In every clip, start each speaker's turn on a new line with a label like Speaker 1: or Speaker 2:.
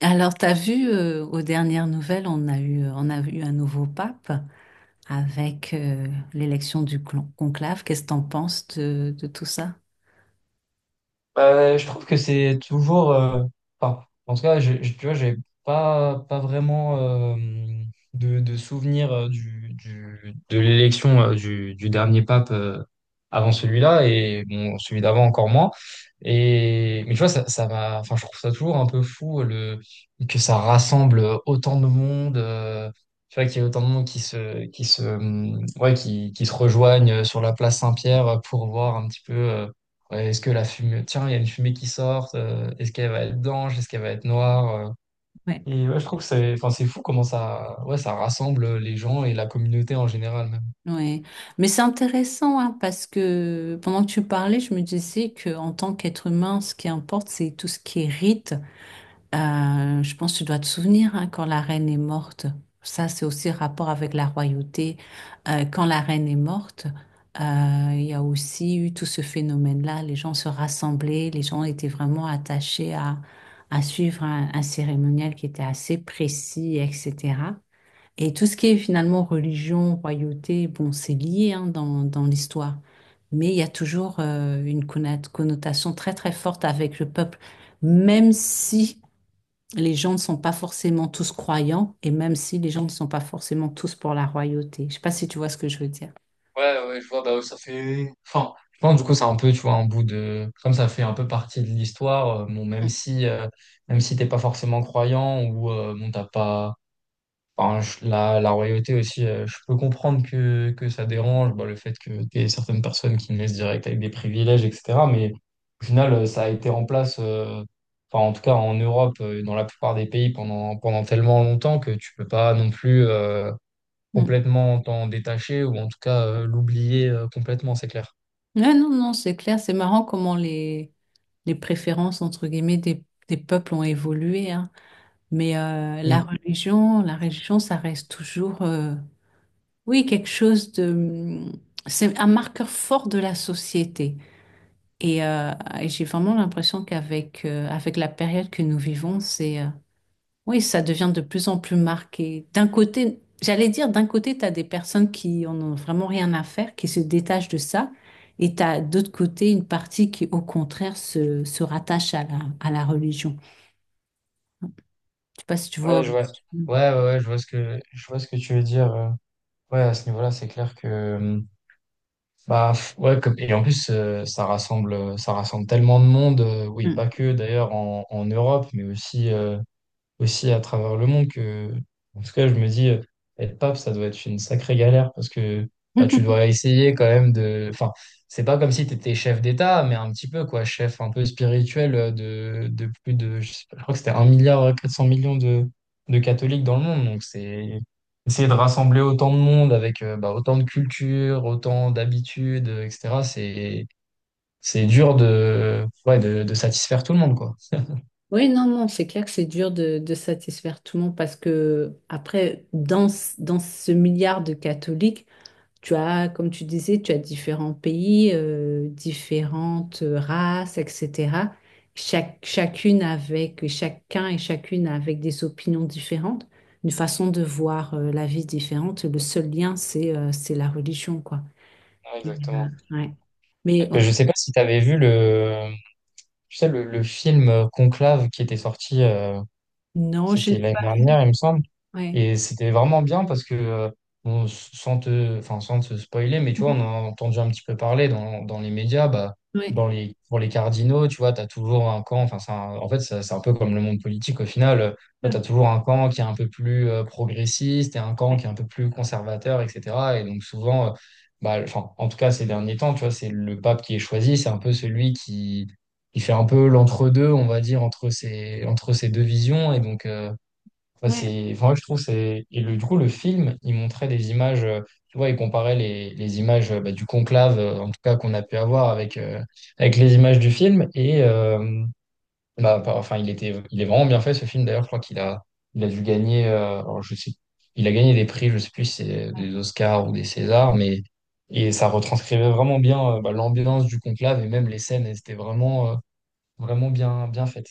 Speaker 1: Alors, t'as vu, aux dernières nouvelles, on a eu un nouveau pape avec l'élection du conclave. Qu'est-ce que t'en penses de tout ça?
Speaker 2: Je trouve que c'est toujours, enfin, en tout cas, tu vois, j'ai pas vraiment de souvenir de l'élection du dernier pape avant celui-là. Et bon, celui d'avant encore moins. Mais tu vois, ça m'a, enfin, je trouve ça toujours un peu fou que ça rassemble autant de monde. Tu vois, qu'il y ait autant de monde ouais, qui se rejoignent sur la place Saint-Pierre pour voir un petit peu. Ouais, est-ce que la fumée, tiens, il y a une fumée qui sort, est-ce qu'elle va être blanche, est-ce qu'elle va être noire?
Speaker 1: Ouais.
Speaker 2: Et ouais, je trouve que c'est, enfin, c'est fou comment ça, ouais, ça rassemble les gens et la communauté en général même.
Speaker 1: Ouais. Mais c'est intéressant, hein, parce que pendant que tu parlais, je me disais que en tant qu'être humain, ce qui importe, c'est tout ce qui est rite. Je pense que tu dois te souvenir, hein, quand la reine est morte. Ça, c'est aussi rapport avec la royauté. Quand la reine est morte, euh, il y a aussi eu tout ce phénomène-là. Les gens se rassemblaient, les gens étaient vraiment attachés à suivre un cérémonial qui était assez précis, etc. Et tout ce qui est finalement religion, royauté, bon, c'est lié, hein, dans l'histoire. Mais il y a toujours une connotation très très forte avec le peuple, même si les gens ne sont pas forcément tous croyants et même si les gens ne sont pas forcément tous pour la royauté. Je sais pas si tu vois ce que je veux dire.
Speaker 2: Ouais, ouais, je vois. Bah, ça fait, enfin, je pense du coup, c'est un peu, tu vois, un bout de... comme ça fait un peu partie de l'histoire. Bon, même si t'es pas forcément croyant ou, bon, t'as pas... Enfin, la royauté aussi, je peux comprendre que ça dérange, bah, le fait que tu aies certaines personnes qui naissent direct avec des privilèges, etc. Mais au final, ça a été en place, enfin, en tout cas en Europe, dans la plupart des pays pendant tellement longtemps que tu peux pas non plus
Speaker 1: Hmm.
Speaker 2: complètement t'en détacher, ou en tout cas l'oublier complètement, c'est clair.
Speaker 1: Ouais, non, non, c'est clair, c'est marrant comment les préférences, entre guillemets, des peuples ont évolué, hein. Mais la
Speaker 2: Mm.
Speaker 1: religion, la religion, ça reste toujours... Oui, quelque chose de... C'est un marqueur fort de la société. Et, euh, et j'ai vraiment l'impression qu'avec avec la période que nous vivons, c'est... oui, ça devient de plus en plus marqué. D'un côté, j'allais dire, d'un côté, tu as des personnes qui en ont vraiment rien à faire, qui se détachent de ça. Et tu as d'autre côté une partie qui, au contraire, se rattache à la religion. Je sais pas si tu vois.
Speaker 2: Ouais, je vois. Ouais, ouais, ouais, je vois ce que tu veux dire. Ouais, à ce niveau-là, c'est clair que... mmh, Bah ouais, comme et en plus ça rassemble tellement de monde, oui,
Speaker 1: Mm.
Speaker 2: pas que d'ailleurs en, en Europe, mais aussi aussi à travers le monde que, en tout cas, je me dis, être pape, ça doit être une sacrée galère. Parce que bah, tu dois essayer quand même de... Enfin, c'est pas comme si tu étais chef d'État, mais un petit peu, quoi, chef un peu spirituel de plus de... Je sais pas, je crois que c'était un milliard 400 millions de catholiques dans le monde. Donc, c'est essayer de rassembler autant de monde avec bah, autant de cultures, autant d'habitudes, etc. C'est... c'est dur de, ouais, de satisfaire tout le monde, quoi.
Speaker 1: Oui, non, non, c'est clair que c'est dur de satisfaire tout le monde parce que, après, dans ce milliard de catholiques, tu as, comme tu disais, tu as différents pays, différentes races, etc. Chacun et chacune avec des opinions différentes, une façon de voir, la vie différente. Le seul lien, c'est la religion, quoi.
Speaker 2: Ouais,
Speaker 1: Et,
Speaker 2: exactement.
Speaker 1: euh, ouais. Mais ouais.
Speaker 2: Je sais pas si tu avais vu le, tu sais, le film Conclave qui était sorti.
Speaker 1: Non, je
Speaker 2: C'était
Speaker 1: l'ai.
Speaker 2: l'année dernière, il me semble.
Speaker 1: Ouais.
Speaker 2: Et c'était vraiment bien parce que, bon, sans te, enfin, sans te spoiler, mais tu vois, on en a entendu un petit peu parler dans, dans les médias. Bah,
Speaker 1: Ouais.
Speaker 2: dans les, pour les cardinaux, tu vois, tu as toujours un camp. Enfin, c'est un- en fait, ça- c'est un peu comme le monde politique au final. Tu as toujours un camp qui est un peu plus progressiste et un camp qui est un peu plus conservateur, etc. Et donc, souvent, bah, enfin, en tout cas, ces derniers temps, tu vois, c'est le pape qui est choisi. C'est un peu celui qui fait un peu l'entre-deux, on va dire, entre ces deux visions. Et donc, enfin,
Speaker 1: Ouais.
Speaker 2: c'est, enfin, moi, je trouve c'est, et le, du coup le film il montrait des images, tu vois, il comparait les images bah, du conclave en tout cas qu'on a pu avoir avec avec les images du film, et bah, enfin, il était... il est vraiment bien fait, ce film. D'ailleurs, je crois qu'il a... il a dû gagner, alors, je sais... il a gagné des prix, je sais plus si c'est des Oscars ou des Césars. Mais et ça retranscrivait vraiment bien, bah, l'ambiance du conclave, et même les scènes elles étaient vraiment vraiment bien faites.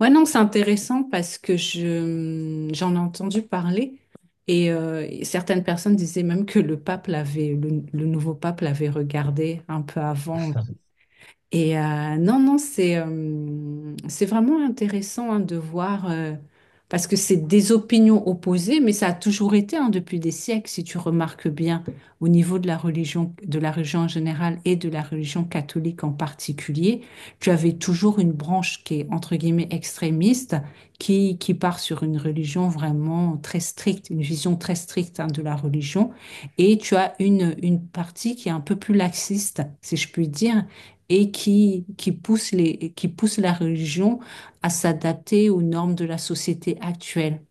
Speaker 1: Ouais, non, c'est intéressant parce que j'en ai entendu parler et certaines personnes disaient même que le pape l'avait, le nouveau pape l'avait regardé un peu avant non, non, c'est vraiment intéressant, hein, de voir, parce que c'est des opinions opposées, mais ça a toujours été, hein, depuis des siècles, si tu remarques bien, au niveau de la religion en général et de la religion catholique en particulier, tu avais toujours une branche qui est entre guillemets extrémiste, qui part sur une religion vraiment très stricte, une vision très stricte, hein, de la religion, et tu as une partie qui est un peu plus laxiste, si je puis dire et qui pousse la religion à s'adapter aux normes de la société actuelle,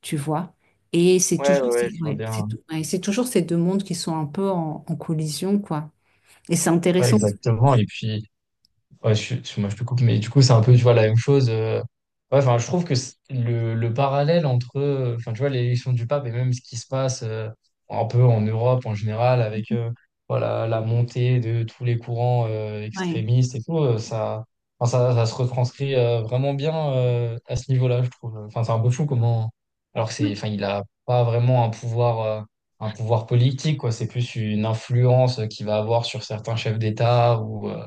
Speaker 1: tu vois. Et c'est
Speaker 2: Ouais
Speaker 1: toujours,
Speaker 2: ouais ouais, je vois
Speaker 1: ouais,
Speaker 2: bien.
Speaker 1: ouais, c'est toujours ces deux mondes qui sont un peu en collision, quoi. Et c'est
Speaker 2: Ouais,
Speaker 1: intéressant.
Speaker 2: exactement. Et puis ouais, je... moi, je te coupe, mais du coup, c'est un peu, tu vois, la même chose. Ouais, enfin, je trouve que c'est... le parallèle entre, enfin, tu vois, l'élection du pape, et même ce qui se passe un peu en Europe en général, avec voilà, la montée de tous les courants
Speaker 1: Ouais.
Speaker 2: extrémistes et tout, ça... enfin, ça se retranscrit vraiment bien à ce niveau-là, je trouve. Enfin, c'est un peu fou comment... Alors que c'est,
Speaker 1: Ouais.
Speaker 2: enfin, il a pas vraiment un pouvoir politique, quoi. C'est plus une influence qu'il va avoir sur certains chefs d'État, ou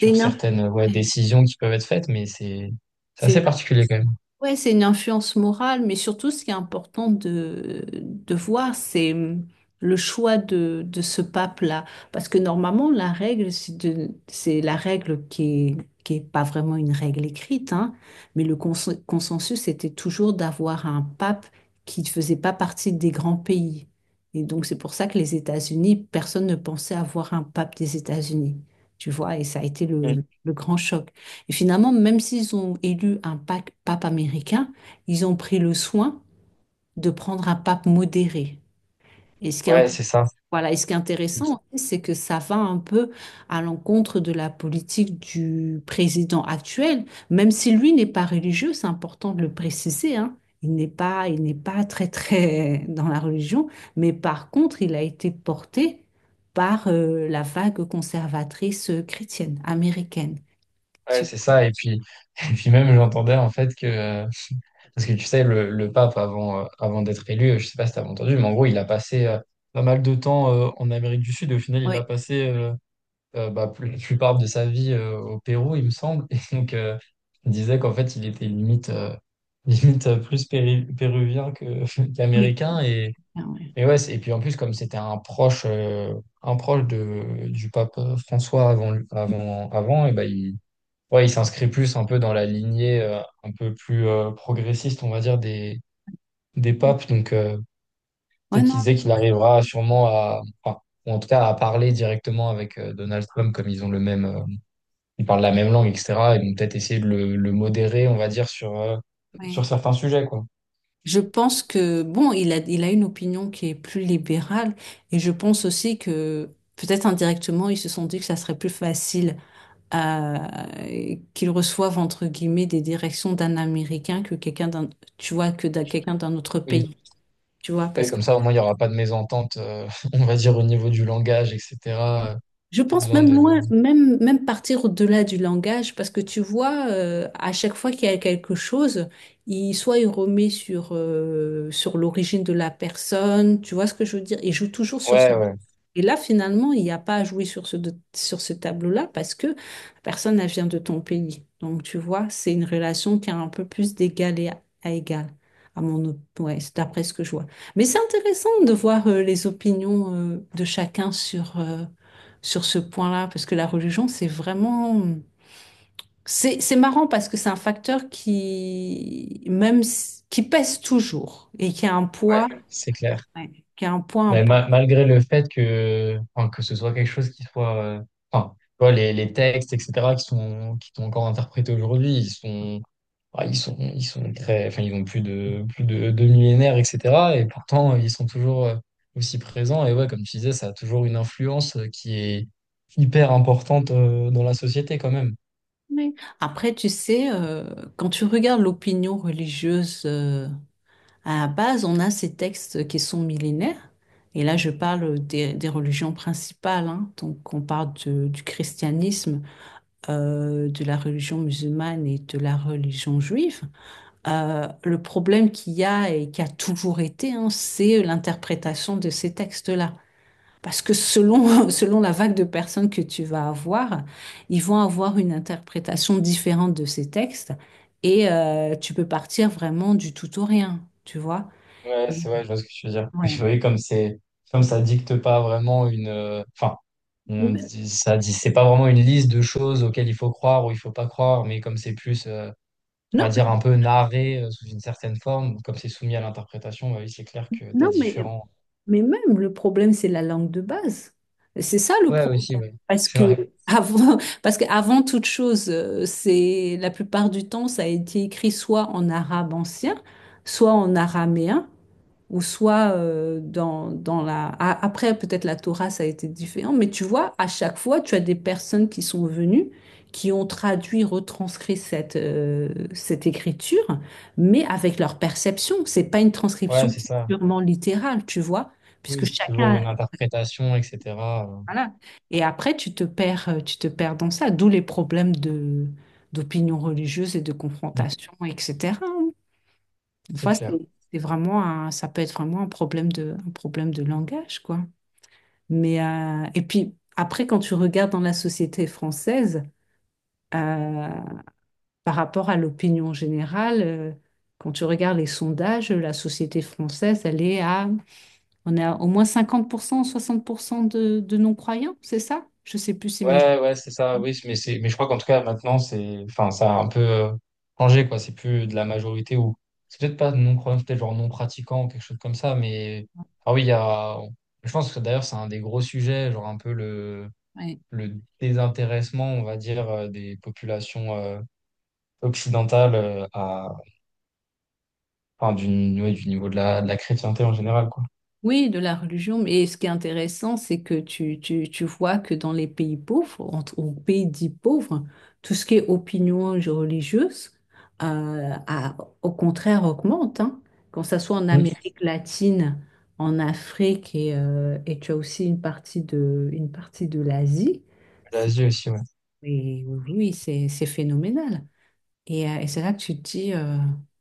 Speaker 1: C'est une, inf-
Speaker 2: certaines, ouais, décisions qui peuvent être faites. Mais c'est
Speaker 1: c'est
Speaker 2: assez particulier quand même.
Speaker 1: Ouais, c'est une influence morale, mais surtout ce qui est important de voir, c'est le choix de ce pape-là. Parce que normalement, la règle, c'est la règle est, qui est pas vraiment une règle écrite, hein, mais le consensus, était toujours d'avoir un pape qui ne faisait pas partie des grands pays. Et donc, c'est pour ça que les États-Unis, personne ne pensait avoir un pape des États-Unis, tu vois, et ça a été
Speaker 2: Mm.
Speaker 1: le grand choc. Et finalement, même s'ils ont élu un pape américain, ils ont pris le soin de prendre un pape modéré. Et ce qui est, int-
Speaker 2: Ouais, c'est ça.
Speaker 1: Voilà, et ce qui est
Speaker 2: Et
Speaker 1: intéressant,
Speaker 2: qui-
Speaker 1: c'est que ça va un peu à l'encontre de la politique du président actuel, même si lui n'est pas religieux, c'est important de le préciser, hein. Il n'est pas très, très dans la religion, mais par contre, il a été porté par la vague conservatrice, chrétienne, américaine.
Speaker 2: Ouais,
Speaker 1: Tu-
Speaker 2: c'est ça. Et puis, et puis même, j'entendais en fait que, parce que tu sais, le pape, avant, avant d'être élu, je sais pas si t'as entendu, mais en gros, il a passé pas mal de temps en Amérique du Sud. Et au final, il a
Speaker 1: Oui,
Speaker 2: passé bah, la plupart de sa vie au Pérou, il me semble. Et donc, il disait qu'en fait, il était limite, limite plus péruvien que, qu'américain. Et,
Speaker 1: oui.
Speaker 2: Et ouais, c'est... et puis en plus, comme c'était un proche de, du pape François avant. Et ben il, ouais, il s'inscrit plus un peu dans la lignée un peu plus progressiste, on va dire, des
Speaker 1: Ouais,
Speaker 2: papes. Donc peut-être qu'il disait
Speaker 1: non,
Speaker 2: qu'il arrivera sûrement à, enfin, ou en tout cas à parler directement avec Donald Trump, comme ils ont le même, ils parlent la même langue, etc. Et donc peut-être essayer de le modérer, on va dire, sur, sur
Speaker 1: ouais.
Speaker 2: certains sujets, quoi.
Speaker 1: Je pense que, bon, il a une opinion qui est plus libérale et je pense aussi que peut-être indirectement, ils se sont dit que ça serait plus facile à, qu'ils reçoivent, entre guillemets, des directions d'un Américain que quelqu'un d'un, tu vois, que d'un quelqu'un d'un autre
Speaker 2: Oui.
Speaker 1: pays, tu vois,
Speaker 2: Et
Speaker 1: parce que.
Speaker 2: comme ça, au moins, il n'y aura pas de mésentente, on va dire, au niveau du langage, etc.
Speaker 1: Je
Speaker 2: Pas
Speaker 1: pense
Speaker 2: besoin
Speaker 1: même
Speaker 2: de...
Speaker 1: loin, même partir au-delà du langage, parce que tu vois, à chaque fois qu'il y a quelque chose, soit il remet sur, sur l'origine de la personne, tu vois ce que je veux dire? Il joue toujours sur ce
Speaker 2: Ouais, ouais.
Speaker 1: et là, finalement, il n'y a pas à jouer sur ce, sur ce tableau-là parce que la personne, elle vient de ton pays. Donc, tu vois, c'est une relation qui est un peu plus d'égal et à égal, ouais, c'est d'après ce que je vois. Mais c'est intéressant de voir les opinions de chacun sur ce point-là parce que la religion, c'est vraiment... C'est marrant parce que c'est un facteur qui pèse toujours et qui a un
Speaker 2: Ouais,
Speaker 1: poids,
Speaker 2: c'est clair.
Speaker 1: ouais, qui a un poids
Speaker 2: Mais
Speaker 1: important.
Speaker 2: malgré le fait que, enfin, que ce soit quelque chose qui soit... enfin, tu vois, les textes, etc., qui sont encore interprétés aujourd'hui, ils sont... ah, ils sont très... Enfin, ils ont plus de 2 millénaires, etc. Et pourtant, ils sont toujours aussi présents. Et ouais, comme tu disais, ça a toujours une influence qui est hyper importante dans la société quand même.
Speaker 1: Oui. Après, tu sais, quand tu regardes l'opinion religieuse, à la base, on a ces textes qui sont millénaires. Et là, je parle des religions principales, hein. Donc, on parle du christianisme, de la religion musulmane et de la religion juive. Le problème qu'il y a et qui a toujours été, hein, c'est l'interprétation de ces textes-là. Parce que selon la vague de personnes que tu vas avoir, ils vont avoir une interprétation différente de ces textes et tu peux partir vraiment du tout au rien, tu vois.
Speaker 2: Ouais,
Speaker 1: Et-
Speaker 2: c'est vrai, je vois ce que tu veux dire. Oui,
Speaker 1: Ouais.
Speaker 2: oui, comme c'est... comme ça dicte pas vraiment une, enfin on
Speaker 1: Mais-
Speaker 2: dit ça dit c'est pas vraiment une liste de choses auxquelles il faut croire ou il faut pas croire, mais comme c'est plus on va
Speaker 1: Non,
Speaker 2: dire un peu narré sous une certaine forme, comme c'est soumis à l'interprétation, bah oui, c'est clair que t'as
Speaker 1: non, mais,
Speaker 2: différents...
Speaker 1: mais même le problème, c'est la langue de base. C'est ça le
Speaker 2: Ouais, ouais, aussi,
Speaker 1: problème.
Speaker 2: ouais.
Speaker 1: Parce
Speaker 2: C'est
Speaker 1: que
Speaker 2: vrai.
Speaker 1: parce qu'avant toute chose, c'est la plupart du temps, ça a été écrit soit en arabe ancien, soit en araméen. Ou soit dans la... Après, peut-être la Torah, ça a été différent, mais tu vois, à chaque fois, tu as des personnes qui sont venues, qui ont traduit, retranscrit cette écriture, mais avec leur perception. C'est pas une transcription
Speaker 2: Ouais, c'est ça.
Speaker 1: purement littérale, tu vois, puisque
Speaker 2: Oui, c'est toujours
Speaker 1: chacun...
Speaker 2: une interprétation, etc. euh,
Speaker 1: Voilà. Et après, tu te perds dans ça, d'où les problèmes de d'opinion religieuse et de
Speaker 2: Mm.
Speaker 1: confrontation, etc. Des
Speaker 2: C'est
Speaker 1: fois,
Speaker 2: clair.
Speaker 1: c'est vraiment ça peut être vraiment un problème de langage, quoi. Mais, et puis, après, quand tu regardes dans la société française, euh, par rapport à l'opinion générale, quand tu regardes les sondages, la société française, on a au moins 50%, 60% de non-croyants, c'est ça? Je sais plus si mes...
Speaker 2: Ouais, ouais, c'est ça. Oui, mais c'est, mais je crois qu'en tout cas, maintenant, c'est, enfin, ça a un peu changé, quoi. C'est plus de la majorité, ou c'est peut-être pas non-croyant, c'est peut-être genre non-pratiquant ou quelque chose comme ça. Mais ah oui, il y a... je pense que d'ailleurs, c'est un des gros sujets, genre un peu
Speaker 1: Ouais.
Speaker 2: le désintéressement, on va dire, des populations occidentales à, enfin, du... ouais, du niveau de la chrétienté en général, quoi.
Speaker 1: Oui, de la religion, mais ce qui est intéressant, c'est que tu vois que dans les pays pauvres, ou pays dits pauvres, tout ce qui est opinion religieuse, euh, au contraire, augmente, hein. Quand ça soit en
Speaker 2: Mm.
Speaker 1: Amérique latine, en Afrique, et tu as aussi une partie de l'Asie, c'est-
Speaker 2: L'Asie aussi, ouais.
Speaker 1: et oui, oui, c'est phénoménal. Et c'est là que tu te dis, euh,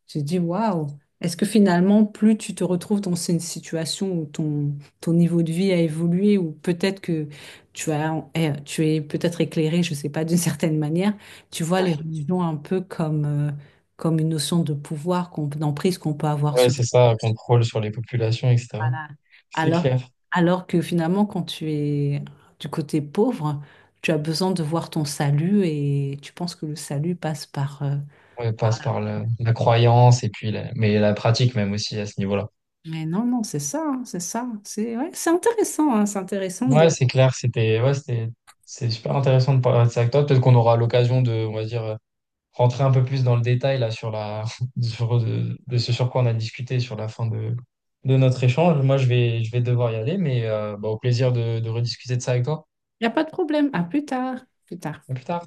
Speaker 1: tu te dis, waouh, est-ce que finalement, plus tu te retrouves dans une situation où ton niveau de vie a évolué, ou peut-être que tu es peut-être éclairé, je sais pas, d'une certaine manière, tu vois les religions un peu comme une notion de pouvoir, d'emprise qu'on peut avoir
Speaker 2: Ouais,
Speaker 1: sur
Speaker 2: c'est
Speaker 1: toi.
Speaker 2: ça, contrôle sur les populations, etc.
Speaker 1: Voilà.
Speaker 2: C'est
Speaker 1: Alors,
Speaker 2: clair.
Speaker 1: alors que finalement, quand tu es du côté pauvre, tu as besoin de voir ton salut et tu penses que le salut passe par.
Speaker 2: Ouais, passe par le... la croyance, et puis la... mais la pratique même aussi à ce niveau-là.
Speaker 1: Mais non, non, c'est ça, hein, c'est ça. C'est ouais, c'est intéressant, hein, c'est intéressant
Speaker 2: Ouais,
Speaker 1: de...
Speaker 2: c'est clair, c'était ouais, c'était... c'est super intéressant de parler de ça avec toi. Peut-être qu'on aura l'occasion de, on va dire, rentrer un peu plus dans le détail là sur la sur, ce sur quoi on a discuté sur la fin de notre échange. Moi, je vais, je vais devoir y aller, mais bah, au plaisir de rediscuter de ça avec toi.
Speaker 1: Il n'y a pas de problème. À plus tard. Plus tard.
Speaker 2: À plus tard.